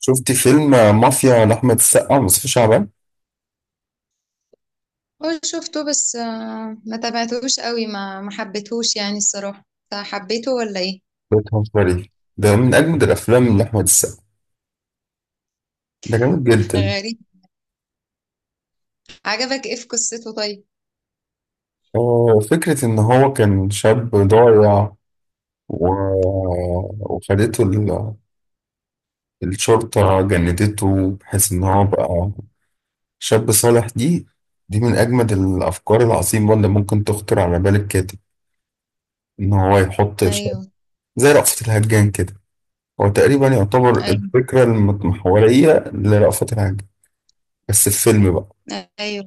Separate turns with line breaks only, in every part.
شفت فيلم مافيا لأحمد السقا، مصطفى شعبان.
هو شفته بس آه، ما تابعتهوش قوي، ما حبيتهوش يعني الصراحة. انت حبيته ولا ايه؟
ده بتهزري؟ ده من أجمد الأفلام لأحمد السقا. ده جامد جدا.
غريب. عجبك ايه في قصته طيب؟
آه، فكرة إن هو كان شاب ضايع، و... وخدته ال... الشرطة جندته بحيث إن هو بقى شاب صالح. دي من أجمد الأفكار العظيمة اللي ممكن تخطر على بال الكاتب، إن هو يحط شاب
ايوه،
زي رأفت الهجان كده. هو تقريبا يعتبر
ايوه،
الفكرة المتمحورية لرأفت الهجان، بس في فيلم بقى.
ايوه،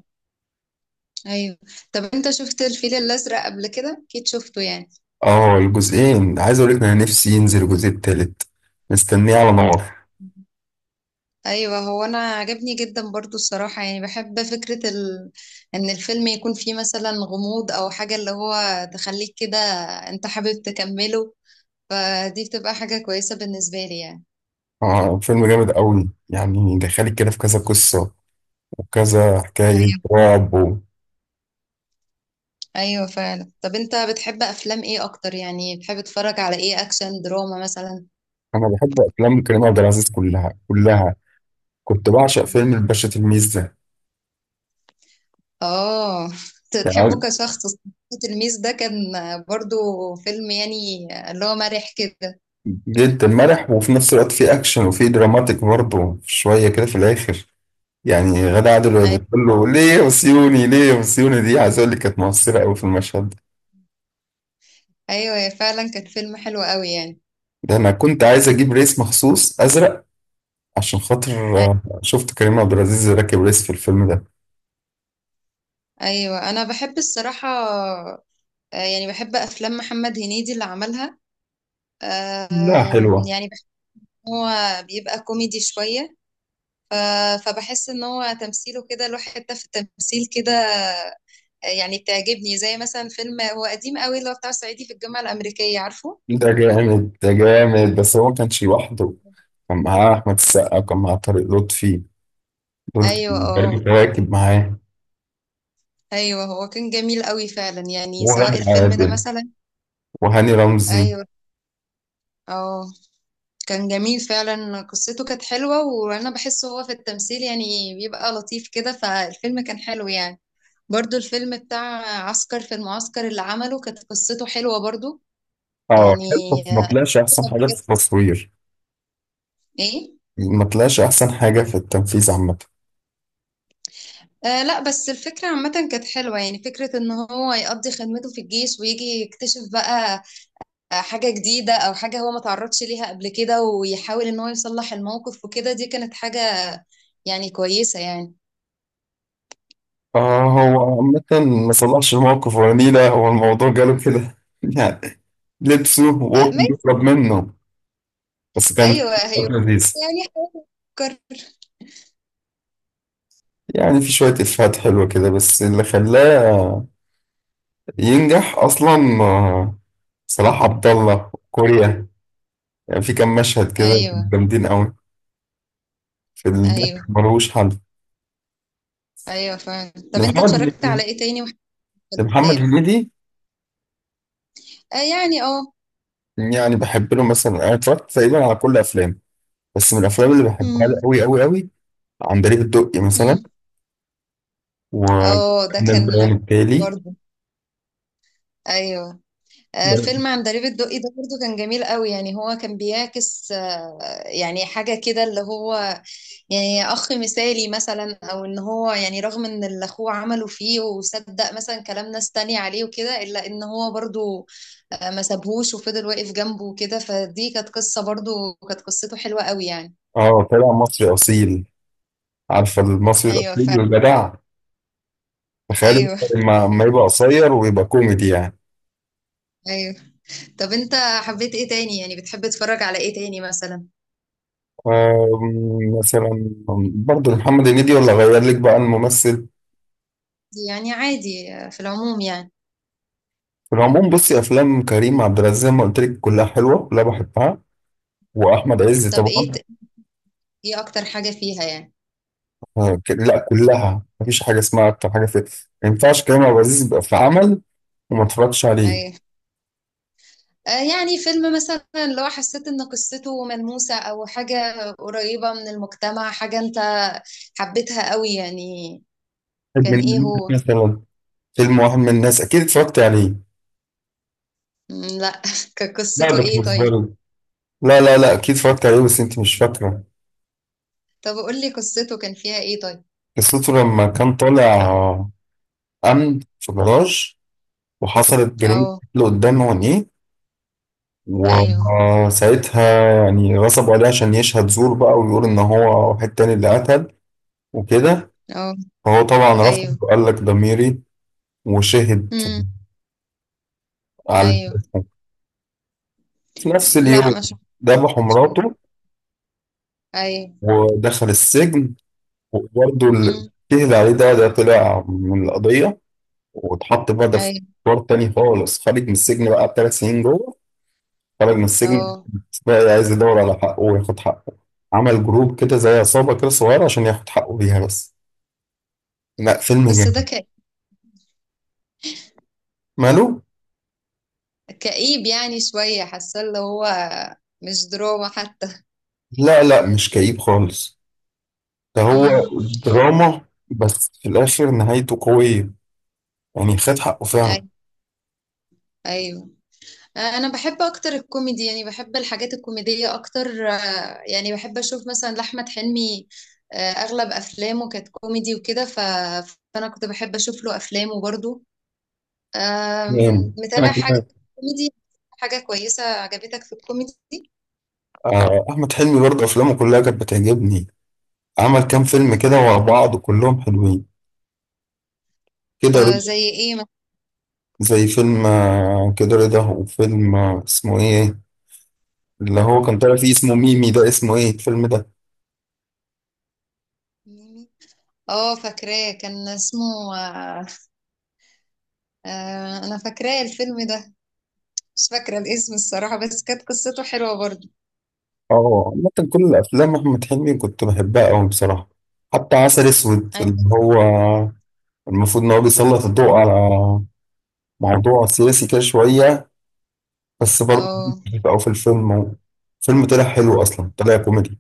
ايوه. طب انت شفت الفيل الازرق قبل كده؟ اكيد شفته يعني.
اه، الجزئين عايز اقول لك انا نفسي ينزل الجزء التالت، مستنيه على نار.
ايوه، هو انا عجبني جدا برضو الصراحة، يعني بحب فكرة ان الفيلم يكون فيه مثلا غموض او حاجة اللي هو تخليك كده، انت حابب تكمله، فدي بتبقى حاجة كويسة بالنسبة لي يعني.
اه، فيلم جامد قوي يعني، دخلك كده في كذا قصه وكذا حكايه
أيوه.
رعب و...
ايوه فعلا. طب انت بتحب افلام ايه اكتر؟ يعني بتحب تتفرج على ايه، اكشن دراما مثلا؟
انا بحب افلام كريم عبد العزيز كلها كلها. كنت بعشق فيلم
مم.
الباشا تلميذ ده،
اه. تحبه
يعني
كشخص؟ التلميذ ده كان برضو فيلم يعني اللي هو مرح كده.
جدا مرح وفي نفس الوقت في اكشن وفي دراماتيك برضه شويه كده في الاخر. يعني غادة عادل وهي
أي-
بتقول له ليه يا وسيوني، ليه يا وسيوني، دي عايز اقول لك كانت مؤثره قوي في المشهد
ايوه فعلا، كان فيلم حلو قوي يعني.
ده. انا كنت عايز اجيب ريس مخصوص ازرق عشان خاطر
أي-
شفت كريم عبد العزيز راكب ريس في الفيلم ده.
ايوه انا بحب الصراحة، يعني بحب افلام محمد هنيدي اللي عملها،
لا حلوة.
يعني بحس ان هو بيبقى كوميدي شوية. ف- فبحس ان هو تمثيله كده له حتة في التمثيل كده، يعني بتعجبني، زي مثلا فيلم هو قديم قوي اللي هو بتاع صعيدي في الجامعة الأمريكية، عارفه.
ده جامد، ده جامد، بس هو ما كانش لوحده. كان معاه أحمد السقا، وكان معاه طارق لطفي، دول
أيوه،
كانوا
اه.
راكب معاه،
أيوه، هو كان جميل قوي فعلا يعني، سواء
وغادة
الفيلم ده
عادل،
مثلا.
وهاني رمزي.
أيوه، اه. كان جميل فعلا، قصته كانت حلوة، وأنا بحس هو في التمثيل يعني بيبقى لطيف كده، فالفيلم كان حلو يعني. برضو الفيلم بتاع عسكر في المعسكر اللي عمله، كانت قصته حلوة برضو
اه
يعني.
حلو، بس ما
آه،
طلعش أحسن
قبل
حاجة في
كده
التصوير،
ايه.
ما طلعش أحسن حاجة في التنفيذ عامة.
آه لا، بس الفكرة عامة كانت حلوة، يعني فكرة ان هو يقضي خدمته في الجيش ويجي يكتشف بقى حاجة جديدة او حاجة هو ما تعرضش ليها قبل كده، ويحاول ان هو يصلح الموقف وكده. دي كانت حاجة يعني كويسة يعني.
اه، هو عامة ما صلحش الموقف ولا نيلة، هو الموضوع جاله كده يعني، لبسه
آه
وهو كان
ماشي.
بيهرب منه. بس كان
ايوه،
كان
ايوه.
لذيذ
يعني فكر.
يعني، في شوية إفيهات حلوة كده، بس اللي خلاه ينجح أصلا صلاح عبد الله كوريا، يعني في كام مشهد كده كانوا
ايوه،
جامدين أوي، في الضحك
ايوه،
ملوش حل.
ايوه فعلا. طب انت
لمحمد
اتفرجت على
هنيدي،
ايه تاني وحبيت
لمحمد
الافلام؟
هنيدي،
آه يعني اه.
يعني بحب له مثلا، أنا اتفرجت تقريبا على كل أفلامه، بس من الأفلام اللي بحبها له
مم،
أوي أوي أوي عندليب الدقي مثلا،
مم. اه ده
وكان البيان
كان
التالي.
برضه ايوه. آه، فيلم عندليب الدقي ده برضو كان جميل قوي يعني، هو كان بيعكس يعني حاجة كده اللي هو يعني أخ مثالي مثلا، أو إن هو يعني رغم إن اللي أخوه عمله فيه وصدق مثلا كلام ناس تانية عليه وكده، إلا إن هو برضو ما سابهوش وفضل واقف جنبه وكده. فدي كانت قصة برضو، كانت قصته حلوة قوي يعني.
اه، طلع مصري اصيل، عارفه المصري
أيوة
الاصيل
فعلا.
والجدع، تخيل بقى
أيوة،
لما يبقى قصير ويبقى كوميدي يعني.
أيوة. طب أنت حبيت إيه تاني؟ يعني بتحب تتفرج على إيه تاني مثلا؟
مثلا برضه محمد هنيدي، ولا غير لك بقى الممثل؟
يعني عادي آه، في العموم يعني.
في العموم بصي افلام كريم عبد العزيز زي ما قلت لك كلها حلوه، كلها بحبها، واحمد عز
طب ايه
طبعا.
ايه اكتر حاجة فيها يعني؟
لا كلها، مفيش حاجه اسمها اكتر حاجه في. ما ينفعش كريم عبد العزيز
مم.
يبقى في عمل وما اتفرجتش عليه.
ايوه. آه يعني فيلم مثلا لو حسيت ان قصته ملموسة او حاجة قريبة من المجتمع، حاجة انت حبيتها قوي يعني.
واحد
كان
من
ايه
الناس
هو؟
مثلا. فيلم واحد من الناس اكيد اتفرجت عليه.
مم، لا. كان
لا
قصته
ده
ايه
بتهزري،
طيب؟
لا لا لا اكيد اتفرجت عليه بس انت مش فاكره.
طب قول لي قصته كان فيها ايه طيب؟
قصته لما كان طالع آه، امن في جراج وحصلت جريمه
اه،
اللي قدام عينيه،
ايوه،
وساعتها يعني غصبوا عليه عشان يشهد زور بقى، ويقول ان هو واحد تاني اللي قتل وكده.
اه،
فهو طبعا رفض
ايوه،
وقال لك ضميري، وشهد
امم،
على
ايوه.
الجريمة. في نفس
لا
اليوم
ما شفتش.
ذبحوا مراته،
ايوه،
ودخل السجن. وبرضه اللي
امم،
شهد عليه ده طلع من القضية، واتحط بقى ده في
ايوه،
إطار تاني خالص. خارج من السجن بقى ب3 سنين جوه، خرج من السجن
اه.
بقى عايز يدور على حقه وياخد حقه، عمل جروب كده زي عصابة كده صغيرة عشان ياخد حقه بيها بس. لا فيلم
بس ده
جامد. ماله؟
كئيب يعني شوية، حاسة اللي هو مش دراما حتى.
لا لا مش كئيب خالص، ده هو
امم،
دراما، بس في الآخر نهايته قوية، يعني خد حقه فعلا.
ايوه. انا بحب اكتر الكوميدي، يعني بحب الحاجات الكوميديه اكتر، يعني بحب اشوف مثلا لاحمد حلمي، آه، اغلب افلامه كانت كوميدي وكده فانا كنت بحب اشوف له افلامه برضو. آم،
جامد
متابع
أنا
حاجه
كمان.
كوميدي، حاجه كويسه عجبتك في الكوميدي؟
آه، أحمد حلمي برضه أفلامه كلها كانت بتعجبني، عمل كام فيلم
مم.
كده ورا بعض كلهم حلوين. كده
آه،
رضا.
زي ايه مثلا؟
زي فيلم كده رضا، وفيلم اسمه إيه اللي هو كان طالع فيه اسمه ميمي، ده اسمه ايه الفيلم ده؟
ميمي. اه، فاكراه كان اسمه انا فاكراه الفيلم ده، مش فاكره الاسم الصراحه، بس كانت قصته حلوه برضو.
اه، عامة كل الافلام احمد حلمي كنت بحبها قوي بصراحة، حتى عسل اسود
ايوه،
اللي هو المفروض ان هو بيسلط الضوء على موضوع سياسي كده شوية، بس برضه
اه،
او في الفيلم، فيلم طلع حلو اصلا، طلع كوميدي.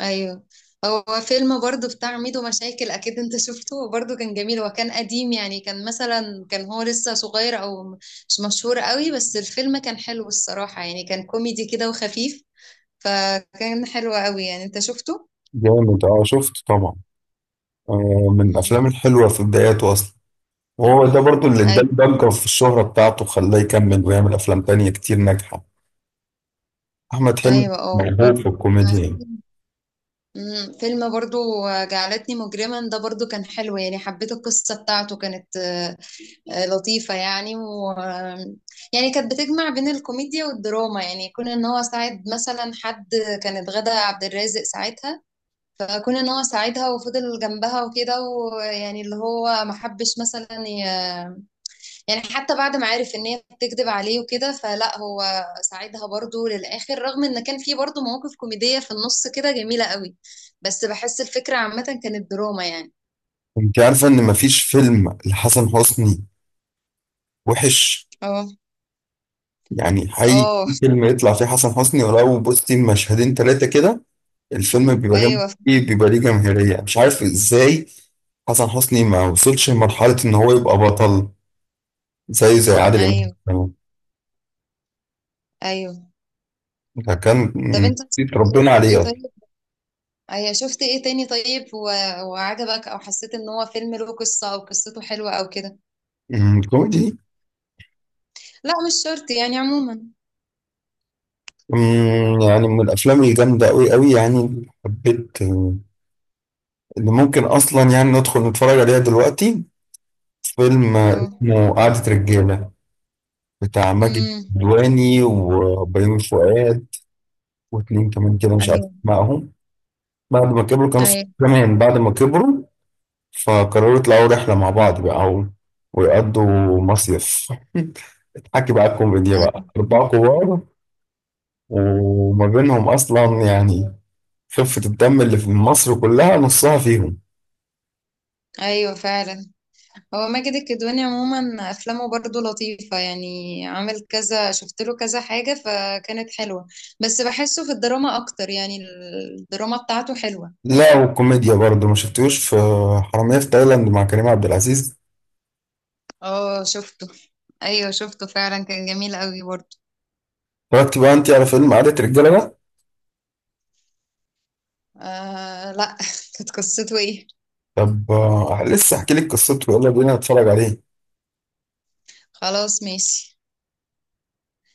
ايوه. هو فيلم برضو بتاع ميدو مشاكل اكيد انت شفته، هو برضو كان جميل، هو كان قديم يعني، كان مثلا كان هو لسه صغير او مش مشهور قوي، بس الفيلم كان حلو الصراحة يعني، كان كوميدي كده وخفيف، فكان حلو قوي يعني، انت شفته؟
جامد، اه شفته طبعا، من الافلام
مم.
الحلوة في بداياته اصلا، وهو ده برضه اللي اداه
ايوه،
الضجة في الشهرة بتاعته، خلاه يكمل ويعمل افلام تانية كتير ناجحة. احمد حلمي
ايوه، اه.
موهوب في الكوميديا يعني.
فيلم، فيلم برضو جعلتني مجرما ده برضو كان حلو يعني، حبيت القصة بتاعته، كانت لطيفة يعني، و يعني كانت بتجمع بين الكوميديا والدراما، يعني كون ان هو ساعد مثلا حد، كانت غادة عبد الرازق ساعتها، كون ان هو ساعدها وفضل جنبها وكده، ويعني اللي هو ما حبش مثلا يعني حتى بعد ما عرف ان هي بتكذب عليه وكده، فلا هو ساعدها برضو للآخر، رغم ان كان في برضو مواقف كوميدية في النص كده جميلة قوي، بس بحس الفكرة عامة كانت دراما يعني.
انت عارفة ان مفيش فيلم لحسن حسني وحش،
اه،
يعني حقيقي
اه،
في فيلم يطلع فيه حسن حسني ولو بصي مشهدين تلاتة كده الفيلم بيبقى جامد.
ايوه،
ايه بيبقى ليه جماهيرية مش عارف ازاي. حسن حسني ما وصلش لمرحلة ان هو يبقى بطل زيه زي عادل
ايوه،
امام،
ايوه.
ده كان
طب انت
ربنا عليه اصلا.
طيب. ايوه، شفت ايه تاني طيب وعجبك او حسيت ان هو فيلم له قصة او قصته حلوة او كده؟
كوميدي.
لا مش شرط يعني عموما.
يعني من الافلام الجامدة قوي قوي يعني، حبيت اللي ممكن اصلا يعني ندخل نتفرج عليها دلوقتي، فيلم
اه،
اسمه قعدة رجالة، بتاع ماجد
امم،
الكدواني وبيومي فؤاد واتنين كمان كده مش عارف
ايوه،
معهم، بعد ما كبروا كانوا صحاب
ايوه،
كمان بعد ما كبروا، فقرروا يطلعوا رحلة مع بعض بقى و- ويقضوا مصيف حكي بقى الكوميديا
ايوه،
بقى أربعة كبار، وما بينهم أصلا يعني خفة الدم اللي في مصر كلها نصها فيهم.
ايوه فعلا. هو ماجد الكدواني عموما افلامه برضو لطيفة يعني، عامل كذا شفت له كذا حاجة فكانت حلوة، بس بحسه في الدراما اكتر يعني، الدراما بتاعته حلوة.
لا وكوميديا برضه ما شفتوش في حرامية في تايلاند مع كريم عبد العزيز.
اه شفته. ايوه شفته فعلا، كان جميل قوي برضو.
اتفرجتي بقى انت على فيلم قعدة رجالة ده؟
آه لا. كانت قصته ايه؟
طب لسه احكي لك قصته، يلا بينا نتفرج عليه.
خلاص ماشي.